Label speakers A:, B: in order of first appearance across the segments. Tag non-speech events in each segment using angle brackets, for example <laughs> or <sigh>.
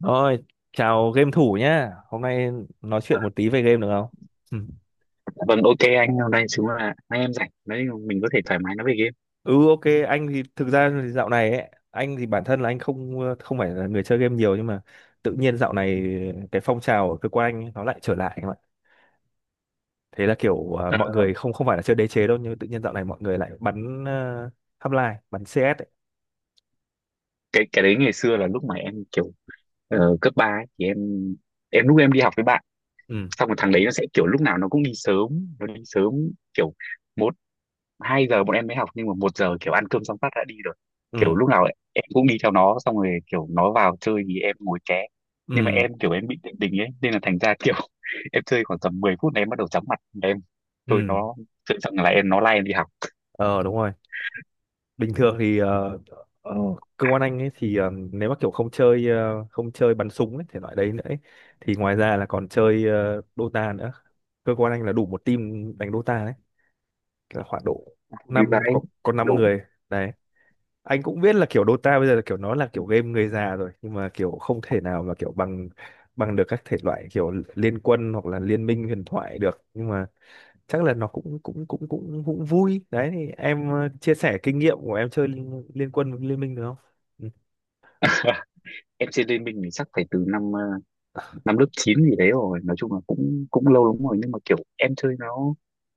A: Rồi, chào game thủ nhá. Hôm nay nói chuyện một tí về game được không? Ừ,
B: Vâng, ok anh, hôm nay chúng là nay em rảnh đấy, mình có thể thoải mái nói về game.
A: ừ, ok, anh thì thực ra thì dạo này ấy, anh thì bản thân là anh không không phải là người chơi game nhiều nhưng mà tự nhiên dạo này cái phong trào ở cơ quan anh ấy, nó lại trở lại em ạ. Thế là kiểu
B: Ờ,
A: mọi người không không phải là chơi đế chế đâu nhưng tự nhiên dạo này mọi người lại bắn Half-Life, bắn CS ấy.
B: cái đấy ngày xưa là lúc mà em kiểu cấp 3 ấy, thì em lúc em đi học với bạn,
A: Ừ,
B: xong rồi thằng đấy nó sẽ kiểu lúc nào nó cũng đi sớm, nó đi sớm kiểu một, hai giờ bọn em mới học nhưng mà một giờ kiểu ăn cơm xong phát đã đi rồi. Kiểu
A: ừ,
B: lúc nào em cũng đi theo nó, xong rồi kiểu nó vào chơi thì em ngồi ké. Nhưng mà
A: ừ,
B: em kiểu em bị định tình ấy, nên là thành ra kiểu <laughs> em chơi khoảng tầm 10 phút là em bắt đầu chóng mặt. Em tôi
A: ừ.
B: nó chơi xong là em nó lai em đi học.
A: Ờ đúng rồi. Bình thường thì ờ, cơ quan anh ấy thì nếu mà kiểu không chơi không chơi bắn súng ấy, thể loại đấy nữa ấy, thì ngoài ra là còn chơi Dota nữa. Cơ quan anh là đủ một team đánh Dota đấy, là khoảng độ
B: Vì
A: năm,
B: vậy
A: có năm
B: đủ
A: người đấy. Anh cũng biết là kiểu Dota bây giờ là kiểu nó là kiểu game người già rồi nhưng mà kiểu không thể nào mà kiểu bằng bằng được các thể loại kiểu liên quân hoặc là liên minh huyền thoại được, nhưng mà chắc là nó cũng cũng cũng cũng cũng vui đấy. Thì em chia sẻ kinh nghiệm của em chơi liên quân với liên minh được không? Ừ,
B: em MC Lê Minh mình chắc phải từ năm năm lớp 9 gì đấy rồi, nói chung là cũng cũng lâu lắm rồi, nhưng mà kiểu em chơi nó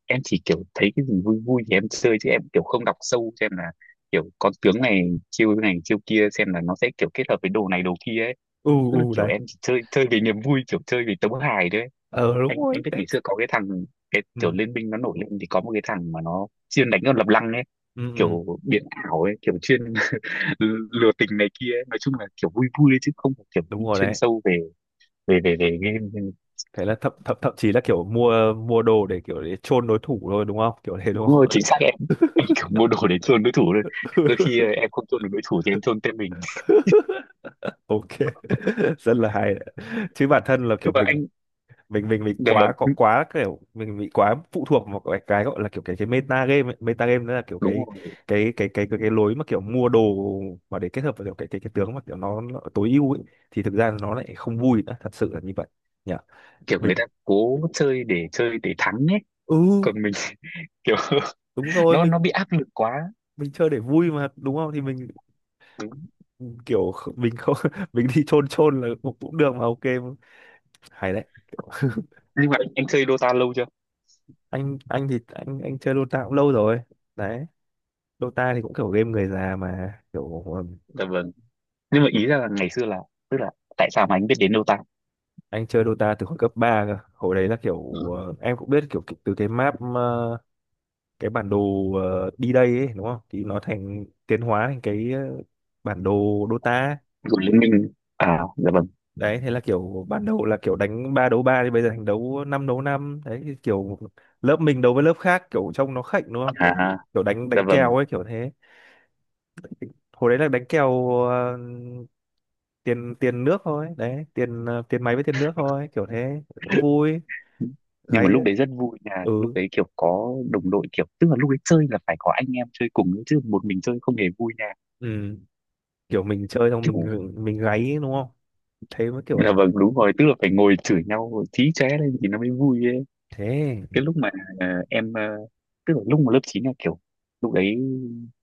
B: em chỉ kiểu thấy cái gì vui vui thì em chơi, chứ em kiểu không đọc sâu xem là kiểu con tướng này, chiêu này chiêu kia xem là nó sẽ kiểu kết hợp với đồ này đồ kia ấy.
A: ừ,
B: Tức là
A: ừ,
B: kiểu
A: đấy.
B: em chỉ chơi chơi vì niềm vui, kiểu chơi vì tấu hài đấy.
A: Ờ
B: anh
A: đúng rồi
B: anh biết
A: đấy.
B: ngày xưa có cái thằng, cái
A: Ừ,
B: kiểu Liên Minh nó nổi lên thì có một cái thằng mà nó chuyên đánh con lập lăng ấy,
A: ừ, ừ,
B: kiểu biến ảo ấy, kiểu chuyên lừa tình này kia ấy. Nói chung là kiểu vui vui ấy, chứ không phải kiểu
A: đúng
B: đi
A: rồi
B: chuyên
A: đấy.
B: sâu về về game.
A: Thế là thậm thậm thậm chí là kiểu mua mua đồ để kiểu để chôn đối thủ thôi đúng không, kiểu thế đúng
B: Đúng rồi,
A: không.
B: chính xác em kiểu mua đồ để chôn đối thủ thôi. Đôi khi em
A: <laughs>
B: không chôn được đối thủ thì em chôn tên mình.
A: Ok, rất là hay đấy. Chứ bản thân là
B: Nhưng
A: kiểu
B: mà
A: mình
B: anh,
A: mình mình mình
B: dạ
A: quá có
B: vâng,
A: quá kiểu mình bị quá phụ thuộc vào cái gọi là kiểu cái meta game ấy. Meta game đó là kiểu
B: đúng rồi,
A: cái lối mà kiểu mua đồ mà để kết hợp với kiểu cái tướng mà kiểu nó tối ưu ấy, thì thực ra nó lại không vui nữa, thật sự là như vậy nhỉ.
B: kiểu người
A: Mình,
B: ta cố chơi để thắng ấy,
A: ừ
B: còn mình <laughs> kiểu
A: đúng rồi,
B: nó bị áp lực quá.
A: mình chơi để vui mà đúng không, thì mình
B: Đúng.
A: kiểu mình không, <laughs> mình đi chôn chôn là cũng cũng được mà. Ok, hay đấy, kiểu,
B: Nhưng mà anh chơi Dota lâu chưa?
A: anh thì anh chơi Dota cũng lâu rồi đấy. Dota thì cũng kiểu game người già mà kiểu,
B: Dạ vâng, nhưng mà ý ra là ngày xưa là, tức là tại sao mà anh biết đến Dota
A: anh chơi Dota từ hồi cấp 3 cơ. Hồi đấy là kiểu em cũng biết kiểu từ cái map cái bản đồ đi đây ấy đúng không, thì nó thành tiến hóa thành cái bản đồ Dota
B: của Liên Minh? À dạ vâng,
A: đấy. Thế là kiểu ban đầu là kiểu đánh ba đấu ba thì bây giờ thành đấu năm đấy, thì kiểu lớp mình đấu với lớp khác kiểu trông nó khệnh đúng không,
B: à
A: kiểu kiểu đánh
B: dạ
A: đánh kèo
B: vâng,
A: ấy kiểu thế. Hồi đấy là đánh kèo tiền tiền nước thôi đấy, tiền tiền máy với tiền nước thôi kiểu thế cũng vui.
B: nhưng mà
A: Gáy,
B: lúc đấy rất vui là
A: ừ,
B: lúc đấy kiểu có đồng đội, kiểu tức là lúc đấy chơi là phải có anh em chơi cùng ấy, chứ một mình chơi không hề vui nha.
A: ừ, kiểu mình chơi xong mình
B: Kiểu
A: mình gáy đúng không, thế mới kiểu
B: là vâng
A: là
B: đúng rồi, tức là phải ngồi chửi nhau chí chóe lên thì nó mới vui ấy.
A: thế.
B: Cái lúc mà ờ, em ờ, tức là lúc mà lớp 9 là kiểu lúc đấy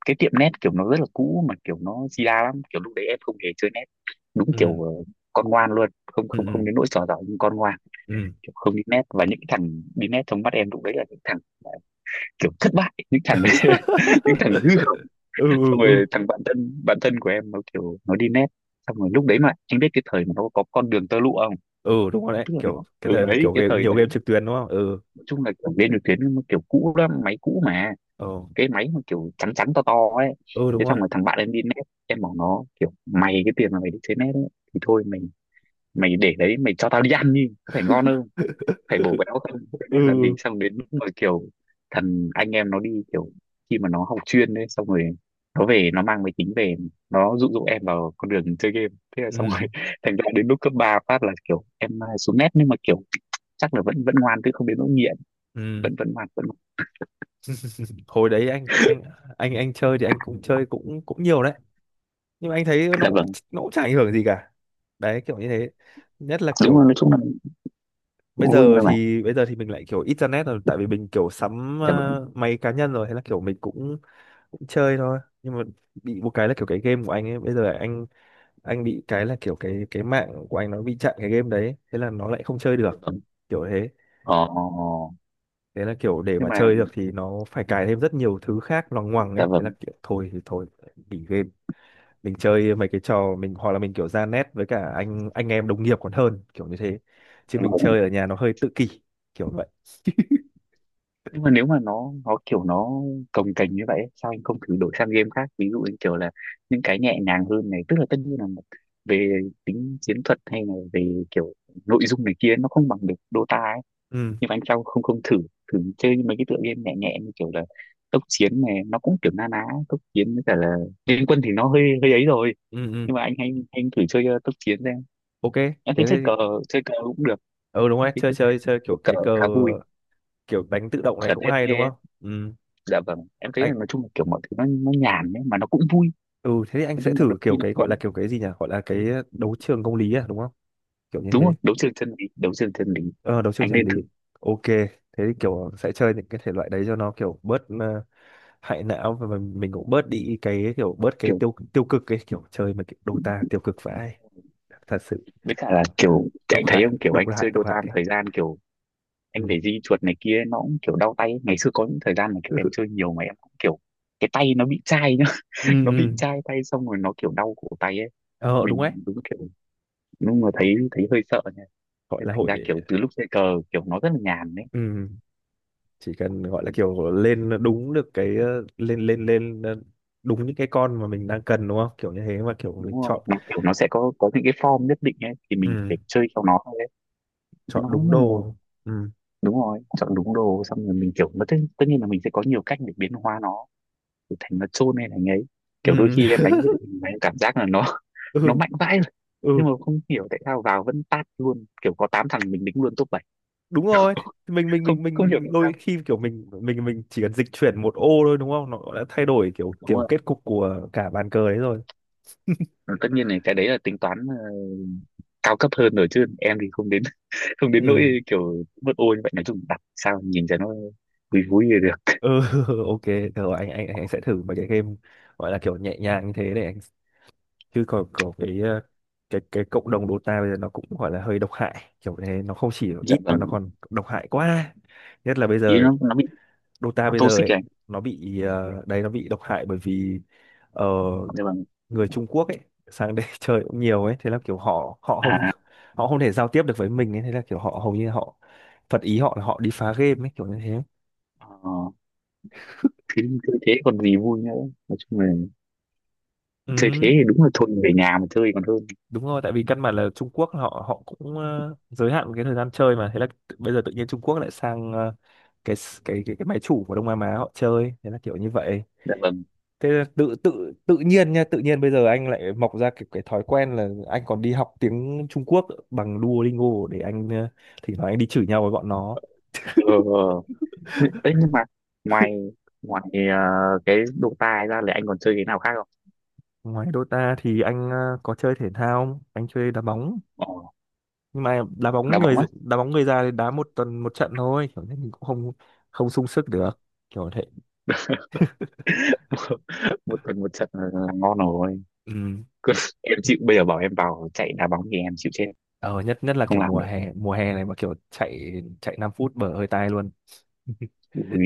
B: cái tiệm net kiểu nó rất là cũ mà kiểu nó di đa lắm, kiểu lúc đấy em không hề chơi net. Đúng
A: Ừ,
B: kiểu con ngoan luôn, không không không
A: ừ,
B: đến nỗi trò giỏi nhưng con ngoan,
A: ừ, ừ.
B: kiểu không đi net, và những cái thằng đi net trong mắt em lúc đấy là những thằng kiểu thất bại, những thằng đấy, <laughs> những thằng
A: <laughs>
B: hư hỏng.
A: Ừ, ừ,
B: Xong
A: ừ,
B: rồi thằng bạn thân của em nó kiểu nó đi nét, xong rồi lúc đấy mà anh biết cái thời mà nó có con đường tơ lụa không?
A: ừ, đúng rồi đấy,
B: Tức là nó
A: kiểu cái
B: từ
A: thời
B: đấy
A: kiểu
B: cái
A: game,
B: thời
A: nhiều
B: đấy
A: game trực tuyến đúng không. Ừ,
B: nói chung là kiểu lên được tuyến nó kiểu cũ lắm, máy cũ mà,
A: ừ,
B: cái máy mà kiểu trắng trắng to to ấy.
A: ừ, đúng
B: Thế xong
A: rồi.
B: rồi thằng bạn em đi nét, em bảo nó kiểu mày cái tiền mà mày đi chơi nét ấy thì thôi mày mày để đấy mày cho tao đi ăn đi có phải ngon không, phải bổ béo không, cái
A: <laughs>
B: nét
A: Ừ,
B: làm gì. Xong đến lúc mà kiểu thằng anh em nó đi kiểu khi mà nó học chuyên đấy, xong rồi nó về nó mang máy tính về, nó dụ dỗ em vào con đường chơi game. Thế là xong rồi
A: ừ,
B: <laughs> thành ra đến lúc cấp 3 phát là kiểu em à, xuống nét, nhưng mà kiểu chắc là vẫn vẫn ngoan chứ không đến nỗi nghiện,
A: ừ,
B: vẫn vẫn ngoan vẫn ngoan.
A: hồi đấy anh chơi thì anh cũng chơi cũng cũng nhiều đấy, nhưng mà anh thấy nó
B: Dạ
A: cũng,
B: vâng,
A: nó cũng chả ảnh hưởng gì cả đấy, kiểu như thế. Nhất là
B: đúng rồi, nói
A: kiểu
B: chung là cũng vui thôi mà.
A: bây giờ thì mình lại kiểu ít ra nét rồi, tại vì mình kiểu sắm
B: Dạ vâng,
A: máy cá nhân rồi, hay là kiểu mình cũng cũng chơi thôi, nhưng mà bị một cái là kiểu cái game của anh ấy bây giờ là anh bị cái là kiểu cái mạng của anh nó bị chặn cái game đấy, thế là nó lại không chơi
B: dạ
A: được,
B: vâng,
A: kiểu thế.
B: ờ ờ, ờ.
A: Thế là kiểu để
B: Nhưng
A: mà
B: mà
A: chơi được thì nó phải cài thêm rất nhiều thứ khác loằng ngoằng ấy,
B: dạ
A: thế là
B: vâng,
A: kiểu thôi thì thôi, nghỉ game. Mình chơi mấy cái trò mình, hoặc là mình kiểu ra net với cả anh em đồng nghiệp còn hơn kiểu như thế, chứ
B: dạ
A: mình
B: vâng,
A: chơi ở nhà nó hơi tự kỷ, kiểu vậy.
B: nhưng mà nếu mà nó kiểu nó cồng kềnh như vậy ấy, sao anh không thử đổi sang game khác, ví dụ như kiểu là những cái nhẹ nhàng hơn này, tức là tất nhiên là về tính chiến thuật hay là về kiểu nội dung này kia nó không bằng được Dota ấy,
A: Ừ,
B: nhưng mà anh sao không không thử, thử chơi mấy cái tựa game nhẹ nhẹ như kiểu là tốc chiến này, nó cũng kiểu na ná tốc chiến, với cả là liên quân thì nó hơi hơi ấy rồi.
A: ừ, ừ,
B: Nhưng mà anh, hay anh thử chơi tốc chiến xem.
A: ok,
B: Anh thấy
A: thế
B: chơi
A: thì
B: cờ, chơi cờ cũng được.
A: ừ đúng
B: Anh
A: rồi,
B: chơi
A: chơi chơi chơi kiểu
B: cờ
A: cái cờ,
B: khá vui
A: kiểu đánh tự động này
B: ở
A: cũng hay đúng
B: TFT.
A: không. Ừ,
B: Dạ vâng, em thấy là
A: anh,
B: nói chung là kiểu mọi thứ nó nhàn ấy mà nó cũng vui.
A: ừ thế thì anh
B: Nói
A: sẽ
B: chung là đôi
A: thử kiểu
B: khi nó
A: cái
B: có
A: gọi là kiểu cái gì nhỉ, gọi là cái đấu trường công lý à đúng không, kiểu như
B: đúng rồi,
A: thế.
B: đấu trường chân lý, đấu trường chân lý,
A: Ờ đấu trường
B: anh
A: chân
B: nên
A: lý,
B: thử.
A: ok, thế thì kiểu sẽ chơi những cái thể loại đấy cho nó kiểu bớt hại não, và mình cũng bớt đi cái kiểu bớt cái
B: Kiểu
A: tiêu tiêu cực, cái kiểu chơi mà kiểu Dota tiêu cực vãi, thật sự.
B: với cả là kiểu
A: Độc
B: anh thấy
A: hại,
B: không, kiểu
A: độc
B: anh
A: hại,
B: chơi
A: độc
B: Dota một
A: hại.
B: thời gian kiểu
A: Ừ,
B: anh phải di chuột này kia nó cũng kiểu đau tay ấy. Ngày xưa có những thời gian mà kiểu em
A: <laughs>
B: chơi nhiều mà em cũng kiểu cái tay nó bị chai nhá,
A: ừ,
B: <laughs> nó bị
A: ừ.
B: chai tay xong rồi nó kiểu đau cổ tay ấy.
A: Ờ đúng đấy,
B: Mình đúng kiểu đúng là thấy thấy hơi sợ nha,
A: gọi
B: nên
A: là
B: thành
A: hội.
B: ra kiểu từ lúc chơi cờ kiểu nó rất là nhàn đấy.
A: Ừm, chỉ cần gọi là kiểu lên đúng được cái lên lên lên đúng những cái con mà mình đang cần đúng không, kiểu như thế mà kiểu
B: Đúng
A: mình
B: rồi
A: chọn.
B: nó kiểu nó sẽ có những cái form nhất định ấy thì mình phải
A: Ừm,
B: chơi theo nó thôi. Thế
A: chọn
B: nó
A: đúng
B: là
A: đồ. Ừm,
B: đúng rồi, chọn đúng đồ, xong rồi mình kiểu nó tất nhiên là mình sẽ có nhiều cách để biến hóa nó, để thành nó chôn hay là ấy. Kiểu đôi
A: ừm,
B: khi em
A: <laughs>
B: đánh cái đội hình mà em cảm giác là nó <laughs> nó
A: ừ,
B: mạnh vãi rồi,
A: ừ,
B: nhưng mà không hiểu tại sao vào vẫn tát luôn, kiểu có 8 thằng mình đính luôn top bảy.
A: đúng rồi. Thì mình mình
B: Không
A: mình
B: không hiểu
A: mình
B: tại
A: đôi
B: sao,
A: khi kiểu mình mình chỉ cần dịch chuyển một ô thôi đúng không, nó đã thay đổi kiểu
B: đúng
A: kiểu
B: rồi,
A: kết cục của cả bàn cờ đấy rồi.
B: tất nhiên là cái đấy là tính toán cao cấp hơn rồi, chứ em thì không đến, <laughs> không đến
A: Ừm,
B: nỗi kiểu mất ô như vậy. Nói chung đặt sao nhìn cho nó vui vui thì được.
A: ừ, <laughs> ok, rồi anh anh sẽ thử mấy cái game gọi là kiểu nhẹ nhàng như thế để anh, chứ còn có cái cái cộng đồng Dota bây giờ nó cũng gọi là hơi độc hại, kiểu thế, nó không chỉ
B: Dạ
A: ít mà nó
B: vâng,
A: còn độc hại quá, nhất là bây
B: ý
A: giờ.
B: nó bị
A: Dota
B: nó
A: bây giờ
B: toxic rồi
A: ấy,
B: anh.
A: nó bị đấy, nó bị độc hại bởi vì ờ,
B: Dạ vâng,
A: người Trung Quốc ấy sang đây <laughs> chơi cũng nhiều ấy, thế là kiểu họ họ
B: à
A: không,
B: à.
A: họ không thể giao tiếp được với mình ấy, thế là kiểu họ hầu như họ phật ý, họ là họ đi phá game ấy, kiểu như thế.
B: Ờ, thế chơi thế còn gì vui nữa, nói chung là chơi
A: Ừ
B: thế thì đúng là thôi về nhà mà chơi còn hơn.
A: đúng rồi, tại vì căn bản là Trung Quốc họ họ cũng giới hạn cái thời gian chơi mà, thế là bây giờ tự nhiên Trung Quốc lại sang cái máy chủ của Đông Nam Á họ chơi, thế là kiểu như vậy.
B: Dạ vâng,
A: Thế là tự tự tự nhiên nha, tự nhiên bây giờ anh lại mọc ra cái thói quen là anh còn đi học tiếng Trung Quốc bằng Duolingo để anh thỉnh thoảng anh đi chửi nhau với bọn nó.
B: ờ đấy, nhưng mà ngoài, ngoài cái Dota ra là anh còn chơi cái nào khác không?
A: Ngoài Dota thì anh có chơi thể thao không? Anh chơi đá bóng,
B: Ồ,
A: nhưng mà
B: đá bóng á,
A: đá bóng người già thì đá một tuần một trận thôi, kiểu như mình cũng không không sung sức được, kiểu thế.
B: <laughs> một tuần một trận là ngon rồi.
A: Ừ.
B: Cứ- em chịu, bây giờ bảo em vào chạy đá bóng thì em chịu chết,
A: Ờ, nhất nhất là
B: không
A: kiểu
B: làm được.
A: mùa hè này mà kiểu chạy chạy 5 phút bở hơi tai luôn.
B: Ui,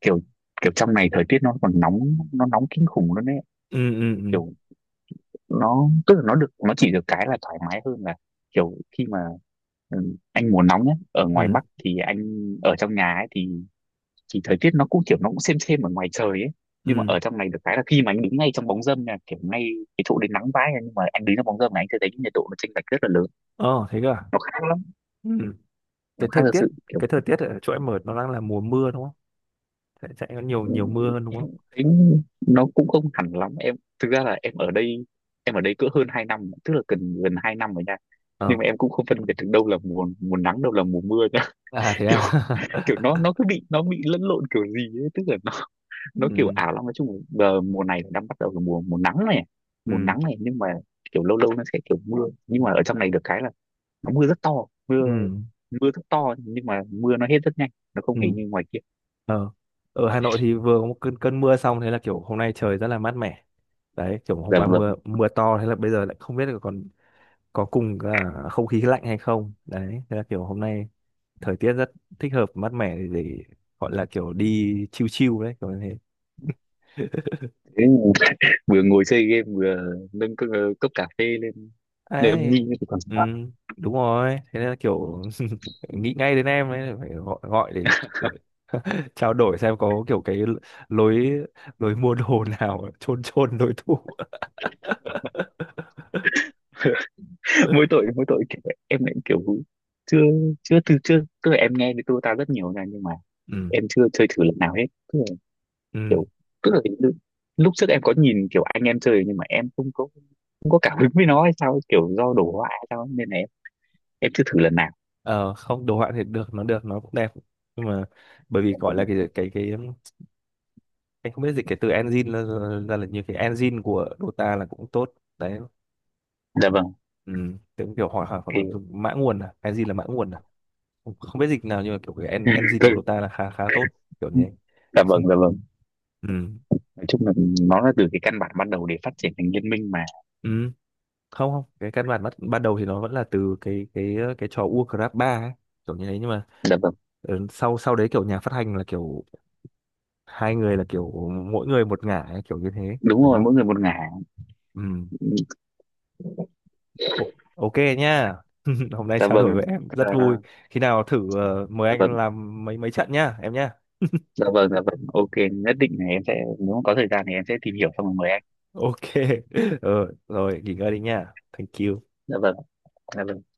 B: kiểu kiểu trong này thời tiết nó còn nóng, nó nóng kinh khủng luôn đấy.
A: Ừ, ừ, ừ,
B: Kiểu nó tức là nó được nó chỉ được cái là thoải mái hơn là kiểu khi mà ừ, anh mùa nóng nhé, ở ngoài
A: ừ,
B: Bắc thì anh ở trong nhà ấy thì thời tiết nó cũng kiểu nó cũng xem ở ngoài trời ấy, nhưng mà
A: ừ.
B: ở trong này được cái là khi mà anh đứng ngay trong bóng râm nha, kiểu ngay cái chỗ đến nắng vãi nha, nhưng mà anh đứng trong bóng râm này anh sẽ thấy cái nhiệt độ nó chênh lệch rất là lớn.
A: Ờ thế cơ à.
B: Nó khác lắm,
A: Ừ.
B: nó
A: Cái
B: khác
A: thời
B: thật
A: tiết
B: sự kiểu
A: cái thời tiết ở chỗ em ở nó đang là mùa mưa đúng không, chạy chạy có nhiều
B: ừ,
A: nhiều mưa hơn đúng không.
B: em thấy nó cũng không hẳn lắm. Em thực ra là em ở đây, em ở đây cỡ hơn 2 năm, tức là gần gần 2 năm rồi nha,
A: Ờ,
B: nhưng mà em cũng không phân biệt được đâu là mùa mùa nắng đâu là mùa mưa.
A: à thế à.
B: Kiểu kiểu
A: <laughs>
B: nó cứ bị nó bị lẫn lộn kiểu gì ấy, tức là nó kiểu
A: Ừ,
B: ảo lắm. Nói chung là giờ mùa này đang bắt đầu là mùa mùa nắng này, mùa
A: ừ,
B: nắng này, nhưng mà kiểu lâu lâu nó sẽ kiểu mưa. Nhưng mà ở trong này được cái là nó mưa rất to,
A: ừ,
B: mưa mưa rất to, nhưng mà mưa nó hết rất nhanh, nó không
A: ừ.
B: hề như ngoài kia.
A: Ờ, ở Hà Nội thì vừa có một cơn cơn mưa xong, thế là kiểu hôm nay trời rất là mát mẻ đấy, kiểu hôm
B: Dạ
A: qua
B: vâng.
A: mưa mưa to, thế là bây giờ lại không biết là còn có cùng cả không khí lạnh hay không đấy, thế là kiểu hôm nay thời tiết rất thích hợp, mát mẻ để gọi là kiểu đi chill chill đấy, kiểu như thế. <laughs>
B: Thế vừa ngồi chơi game vừa nâng cốc, cốc cà phê lên nhâm nhi
A: Ấy,
B: thì còn
A: ừ,
B: sao.
A: đúng rồi, thế nên là kiểu <laughs> nghĩ ngay đến em ấy, phải gọi gọi để <laughs> trao đổi xem có kiểu cái lối lối mua đồ <laughs> nào chôn chôn đối thủ.
B: <laughs> Mỗi tội mỗi tội kiểu em lại kiểu chưa, chưa từ chưa tức là em nghe thì tôi ta rất nhiều nha nhưng mà
A: <laughs> Ừ,
B: em chưa chơi thử lần nào hết. Tức là
A: ừ.
B: kiểu tức là lúc trước em có nhìn kiểu anh em chơi nhưng mà em không có không có cảm hứng với nó hay sao ấy, kiểu do đổ họa hay sao ấy, nên là em chưa thử lần nào.
A: Ờ không, đồ họa thì được, nó được, nó cũng đẹp, nhưng mà bởi vì
B: Dạ
A: gọi là
B: vâng,
A: cái em không biết dịch cái từ engine ra, ra là như cái engine của Dota là cũng tốt đấy.
B: dạ vâng,
A: Ừ. Tiếng kiểu hỏi hỏi hoặc là
B: thì
A: dùng mã nguồn à, cái gì là mã nguồn à, không không biết dịch nào, nhưng mà kiểu cái engine của
B: <laughs>
A: Dota là khá khá tốt, kiểu như
B: dạ
A: thế.
B: vâng dạ
A: <laughs>
B: vâng.
A: Ừ.
B: Nói chung là nó là từ cái căn bản ban đầu để phát triển thành liên minh mà.
A: Ừ. Không không, cái căn bản ban đầu thì nó vẫn là từ cái trò Warcraft 3 ấy, kiểu như thế, nhưng mà
B: Dạ vâng,
A: ừ, sau sau đấy kiểu nhà phát hành là kiểu hai người là kiểu mỗi người một ngả ấy, kiểu như thế
B: đúng
A: đúng
B: rồi,
A: không.
B: mỗi người một ngả.
A: Ừ. O- ok nhá. <laughs> Hôm nay
B: Dạ
A: trao đổi
B: vâng,
A: với em
B: Ờ,
A: rất vui, khi nào thử mời
B: dạ
A: anh
B: vâng,
A: làm mấy mấy trận nhá em nhá.
B: dạ vâng, dạ vâng, ok, nhất định là em sẽ, nếu mà có thời gian thì em sẽ tìm hiểu xong rồi mời anh.
A: Ok, <laughs> ờ, rồi nghỉ ngơi đi nha. Thank you.
B: Dạ vâng, dạ vâng.